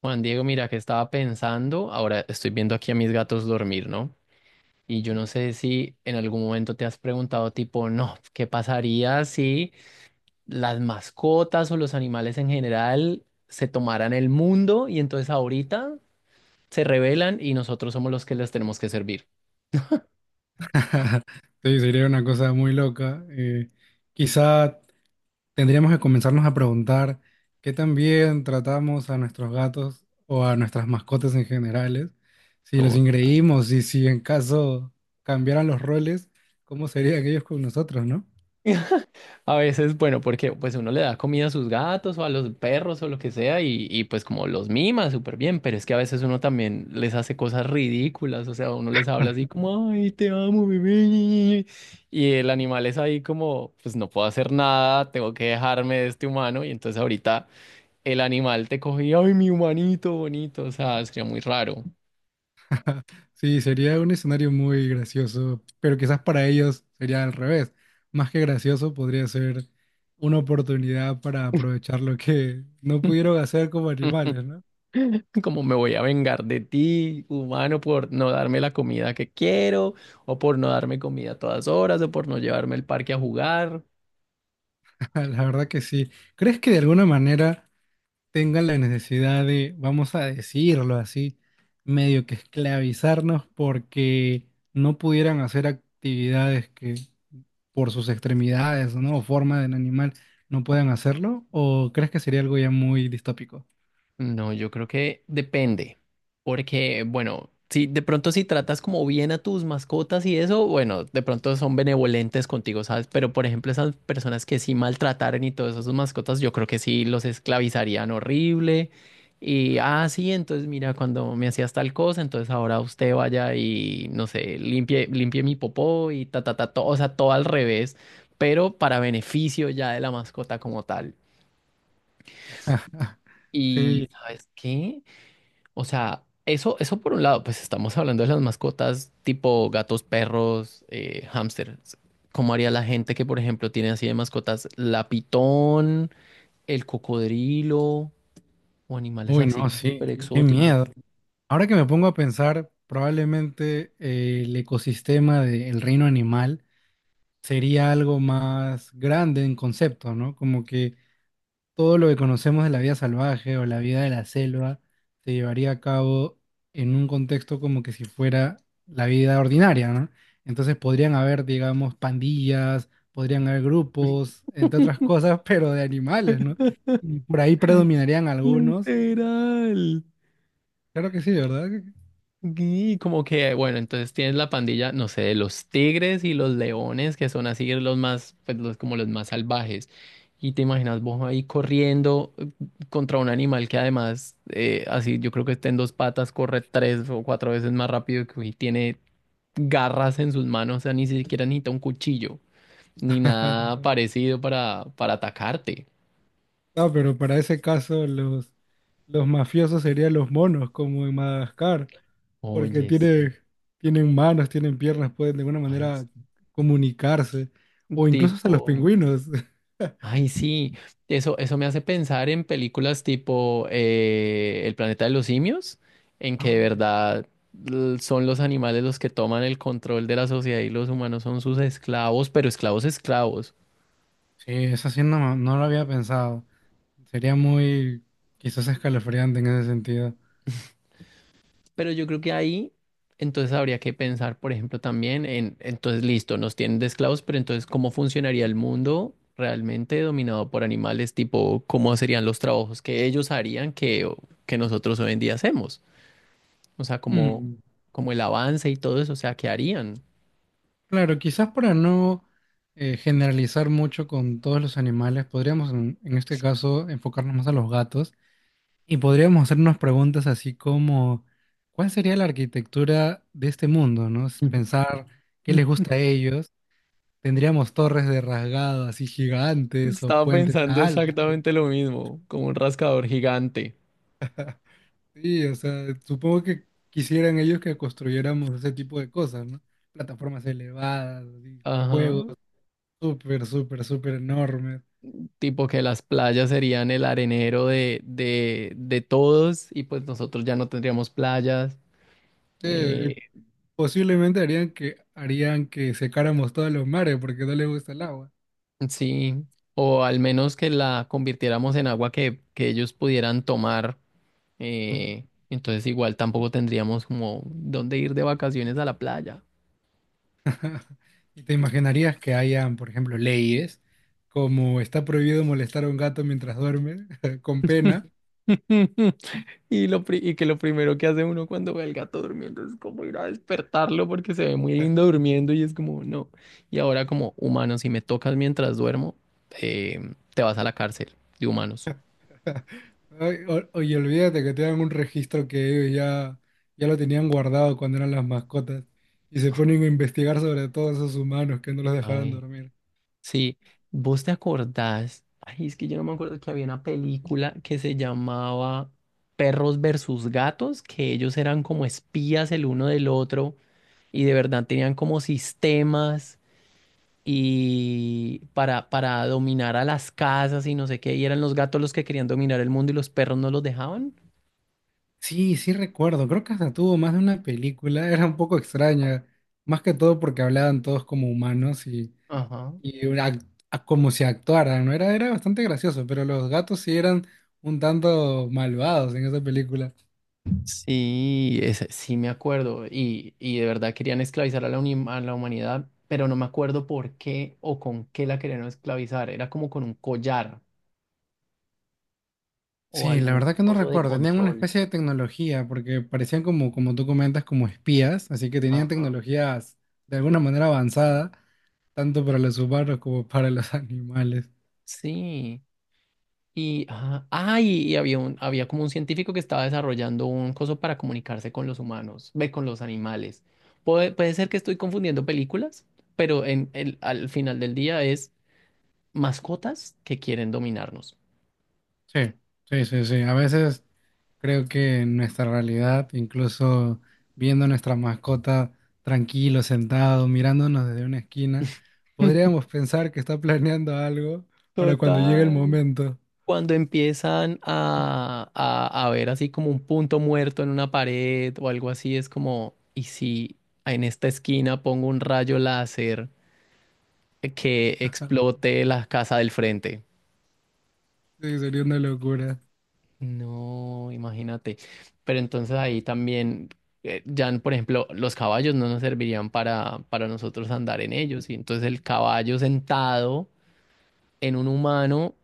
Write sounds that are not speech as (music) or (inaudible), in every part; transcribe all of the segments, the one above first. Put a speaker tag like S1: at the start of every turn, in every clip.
S1: Juan Diego, mira que estaba pensando, ahora estoy viendo aquí a mis gatos dormir, ¿no? Y yo no sé si en algún momento te has preguntado tipo, no, ¿qué pasaría si las mascotas o los animales en general se tomaran el mundo y entonces ahorita se rebelan y nosotros somos los que les tenemos que servir?
S2: (laughs) Sí, sería una cosa muy loca. Quizá tendríamos que comenzarnos a preguntar qué tan bien tratamos a nuestros gatos o a nuestras mascotas en generales, si los ingreímos y si en caso cambiaran los roles, cómo serían ellos con nosotros, ¿no?
S1: (laughs) A veces, bueno, porque pues uno le da comida a sus gatos o a los perros o lo que sea y pues como los mima súper bien, pero es que a veces uno también les hace cosas ridículas, o sea, uno les habla así como, ay, te amo, bebé, y el animal es ahí como, pues no puedo hacer nada, tengo que dejarme de este humano y entonces ahorita el animal te coge y, ay, mi humanito bonito, o sea, sería muy raro.
S2: Sí, sería un escenario muy gracioso, pero quizás para ellos sería al revés. Más que gracioso, podría ser una oportunidad para aprovechar lo que no pudieron hacer como
S1: (laughs)
S2: animales, ¿no?
S1: (laughs) Como me voy a vengar de ti, humano, por no darme la comida que quiero, o por no darme comida a todas horas, o por no llevarme al parque a jugar.
S2: Ah, la verdad que sí. ¿Crees que de alguna manera tengan la necesidad de, vamos a decirlo así, medio que esclavizarnos porque no pudieran hacer actividades que por sus extremidades, ¿no? O forma del animal no puedan hacerlo? ¿O crees que sería algo ya muy distópico?
S1: No, yo creo que depende, porque bueno, si de pronto si tratas como bien a tus mascotas y eso, bueno, de pronto son benevolentes contigo, ¿sabes? Pero por ejemplo, esas personas que sí maltrataran y todas esas mascotas, yo creo que sí los esclavizarían horrible. Y, ah, sí, entonces mira, cuando me hacías tal cosa, entonces ahora usted vaya y, no sé, limpie mi popó y ta, ta, ta, todo, o sea, todo al revés, pero para beneficio ya de la mascota como tal.
S2: (laughs)
S1: ¿Y
S2: Sí,
S1: sabes qué? O sea, eso por un lado, pues estamos hablando de las mascotas tipo gatos, perros, hámsters. ¿Cómo haría la gente que, por ejemplo, tiene así de mascotas la pitón, el cocodrilo o animales
S2: uy,
S1: así
S2: no,
S1: como
S2: sí,
S1: súper
S2: qué miedo.
S1: exóticos?
S2: Ahora que me pongo a pensar, probablemente el ecosistema del reino animal sería algo más grande en concepto, ¿no? Como que todo lo que conocemos de la vida salvaje o la vida de la selva se llevaría a cabo en un contexto como que si fuera la vida ordinaria, ¿no? Entonces podrían haber, digamos, pandillas, podrían haber grupos, entre otras
S1: (laughs)
S2: cosas, (laughs) pero de animales, ¿no? Y por ahí predominarían algunos.
S1: Literal.
S2: Claro que sí, ¿verdad?
S1: Y como que, bueno, entonces tienes la pandilla, no sé, de los tigres y los leones, que son así los más, pues los, como los más salvajes. Y te imaginas vos ahí corriendo contra un animal que además, así yo creo que está en dos patas, corre tres o cuatro veces más rápido que y tiene garras en sus manos, o sea, ni siquiera necesita un cuchillo, ni
S2: (laughs)
S1: nada parecido para atacarte.
S2: No, pero para ese caso los mafiosos serían los monos, como en Madagascar, porque
S1: Oye, sí,
S2: tienen, tienen manos, tienen piernas, pueden de alguna
S1: ay,
S2: manera
S1: es
S2: comunicarse, o incluso hasta los
S1: tipo.
S2: pingüinos. (laughs)
S1: Ay, sí, eso me hace pensar en películas tipo El planeta de los simios, en que de
S2: Ah,
S1: verdad son los animales los que toman el control de la sociedad y los humanos son sus esclavos, pero esclavos esclavos.
S2: sí, eso sí no lo había pensado. Sería muy quizás escalofriante en ese sentido.
S1: Pero yo creo que ahí entonces habría que pensar, por ejemplo, también en, entonces listo, nos tienen de esclavos, pero entonces ¿cómo funcionaría el mundo realmente dominado por animales? Tipo, ¿cómo serían los trabajos que ellos harían que nosotros hoy en día hacemos? O sea, como,
S2: Mm,
S1: como el avance y todo eso, o sea, ¿qué harían?
S2: claro, quizás para no generalizar mucho con todos los animales, podríamos en este caso enfocarnos más a los gatos. Y podríamos hacernos preguntas así como, ¿cuál sería la arquitectura de este mundo, no? Es pensar qué les
S1: (laughs)
S2: gusta a ellos. Tendríamos torres de rasgado así gigantes o
S1: Estaba
S2: puentes
S1: pensando
S2: altos.
S1: exactamente lo mismo, como un rascador gigante.
S2: Sí, o sea, supongo que quisieran ellos que construyéramos ese tipo de cosas, ¿no? Plataformas elevadas, así,
S1: Ajá.
S2: juegos súper, súper, súper enormes.
S1: Tipo que las playas serían el arenero de todos y pues nosotros ya no tendríamos playas. Eh,
S2: Y posiblemente harían que secáramos todos los mares porque no les gusta el agua.
S1: sí. O al menos que la convirtiéramos en agua que ellos pudieran tomar. Entonces igual tampoco tendríamos como dónde ir de vacaciones a la playa.
S2: (laughs) ¿Y te imaginarías que hayan, por ejemplo, leyes como está prohibido molestar a un gato mientras duerme, (laughs) con pena?
S1: (laughs) Y, y que lo primero que hace uno cuando ve al gato durmiendo es como ir a despertarlo porque se ve muy lindo durmiendo y es como, no. Y ahora como humano, si me tocas mientras duermo, te vas a la cárcel de humanos.
S2: (laughs) Ay, oye, olvídate que tengan un registro que ya lo tenían guardado cuando eran las mascotas y se ponen a investigar sobre todos esos humanos que no los dejaron
S1: Ay,
S2: dormir.
S1: sí, vos te acordás, ay, es que yo no me acuerdo que había una película que se llamaba Perros versus Gatos, que ellos eran como espías el uno del otro y de verdad tenían como sistemas. Y para dominar a las casas y no sé qué, y eran los gatos los que querían dominar el mundo y los perros no los dejaban.
S2: Sí, sí recuerdo, creo que hasta tuvo más de una película, era un poco extraña, más que todo porque hablaban todos como humanos. Y
S1: Ajá.
S2: una como si actuaran, ¿no? Era bastante gracioso, pero los gatos sí eran un tanto malvados en esa película.
S1: Sí, sí me acuerdo, y de verdad querían esclavizar a la, a la humanidad, pero no me acuerdo por qué o con qué la querían esclavizar, era como con un collar o
S2: Sí, la
S1: algún
S2: verdad que no
S1: coso de
S2: recuerdo. Tenían una
S1: control.
S2: especie de tecnología, porque parecían como, como tú comentas, como espías, así que tenían
S1: Ajá.
S2: tecnologías de alguna manera avanzada, tanto para los humanos como para los (laughs) animales.
S1: Sí. Y, y había un, había como un científico que estaba desarrollando un coso para comunicarse con los humanos, ve, con los animales. Puede ser que estoy confundiendo películas, pero en el, al final del día es mascotas que quieren dominarnos.
S2: Sí, sí, sí. A veces creo que en nuestra realidad, incluso viendo a nuestra mascota tranquilo, sentado, mirándonos desde una esquina,
S1: (laughs)
S2: podríamos pensar que está planeando algo para cuando llegue el
S1: Total.
S2: momento.
S1: Cuando empiezan a ver así como un punto muerto en una pared o algo así, es como, ¿y si en esta esquina pongo un rayo láser que explote la casa del frente?
S2: Sí, sería una locura.
S1: No, imagínate. Pero entonces ahí también, ya por ejemplo, los caballos no nos servirían para nosotros andar en ellos. Y entonces el caballo sentado en un humano,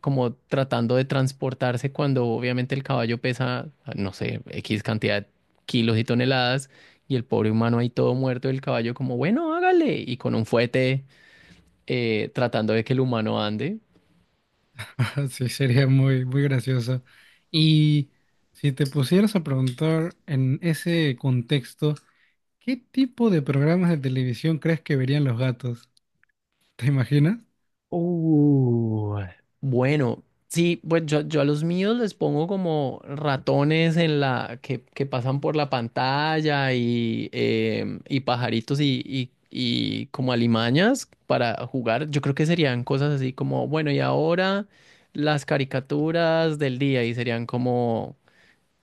S1: como tratando de transportarse cuando obviamente el caballo pesa, no sé, X cantidad de kilos y toneladas, y el pobre humano ahí todo muerto, y el caballo como, bueno, hágale, y con un fuete tratando de que el humano ande.
S2: (laughs) Sí, sería muy, muy gracioso. Y si te pusieras a preguntar en ese contexto, ¿qué tipo de programas de televisión crees que verían los gatos? ¿Te imaginas?
S1: Uh, bueno, sí, pues yo a los míos les pongo como ratones en la que pasan por la pantalla y y pajaritos y y como alimañas para jugar. Yo creo que serían cosas así como, bueno, y ahora las caricaturas del día y serían como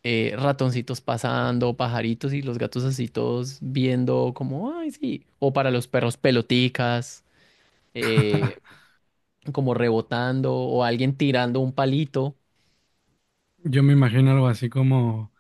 S1: ratoncitos pasando, pajaritos y los gatos así todos viendo como, ay, sí, o para los perros peloticas. eh,
S2: (laughs)
S1: como rebotando o alguien tirando un palito.
S2: Yo me imagino algo así como,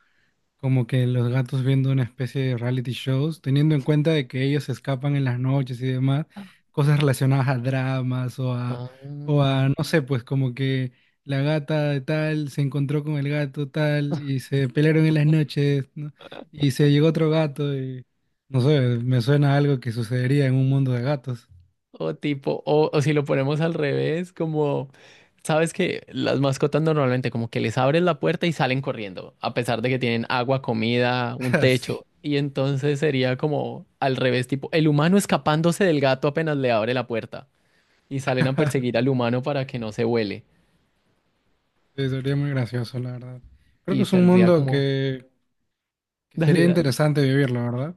S2: como que los gatos viendo una especie de reality shows, teniendo en cuenta de que ellos se escapan en las noches y demás, cosas relacionadas a dramas o a,
S1: Ay.
S2: no sé, pues como que la gata de tal se encontró con el gato tal y se pelearon en las noches, ¿no? Y se llegó otro gato y, no sé, me suena a algo que sucedería en un mundo de gatos.
S1: O tipo, o si lo ponemos al revés, como, sabes que las mascotas normalmente como que les abres la puerta y salen corriendo, a pesar de que tienen agua, comida,
S2: (laughs)
S1: un techo.
S2: Así.
S1: Y entonces sería como al revés, tipo, el humano escapándose del gato apenas le abre la puerta y salen a perseguir al
S2: (laughs)
S1: humano para que no se vuele.
S2: Sí, sería muy gracioso, la verdad. Creo que
S1: Y
S2: es un
S1: saldría
S2: mundo
S1: como,
S2: que
S1: (laughs)
S2: Que sería
S1: dale.
S2: interesante vivirlo, ¿verdad?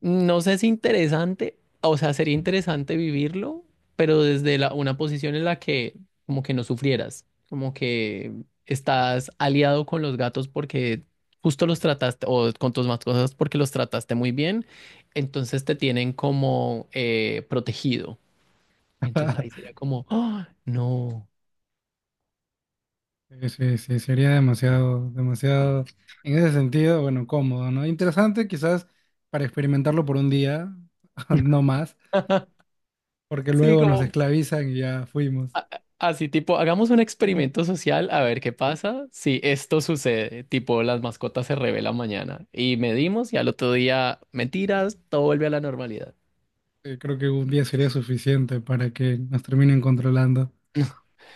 S1: No sé si interesante, o sea, sería interesante vivirlo, pero desde la, una posición en la que como que no sufrieras, como que estás aliado con los gatos porque justo los trataste, o con tus mascotas porque los trataste muy bien, entonces te tienen como protegido. Entonces ahí sería como, ¡ah, no!
S2: Sí, sí, sí, sería demasiado, demasiado, en ese sentido, bueno, cómodo, ¿no? Interesante quizás para experimentarlo por un día, (laughs) no más,
S1: (laughs)
S2: porque
S1: Sí,
S2: luego nos
S1: como
S2: esclavizan y ya fuimos.
S1: a- así tipo, hagamos un experimento social a ver qué pasa si esto sucede, tipo las mascotas se revelan mañana y medimos y al otro día, mentiras, todo vuelve a la normalidad.
S2: Creo que un día sería suficiente para que nos terminen controlando.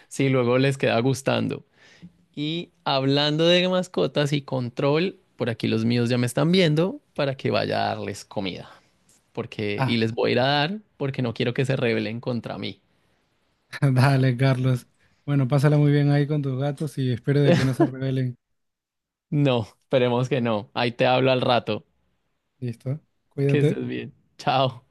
S1: Si luego les queda gustando. Y hablando de mascotas y control, por aquí los míos ya me están viendo para que vaya a darles comida, porque
S2: Ah,
S1: y les voy a ir a dar porque no quiero que se rebelen contra mí.
S2: (laughs) dale, Carlos. Bueno, pásala muy bien ahí con tus gatos y espero de que no se rebelen.
S1: No, esperemos que no. Ahí te hablo al rato.
S2: Listo.
S1: Que
S2: Cuídate.
S1: estés bien. Chao.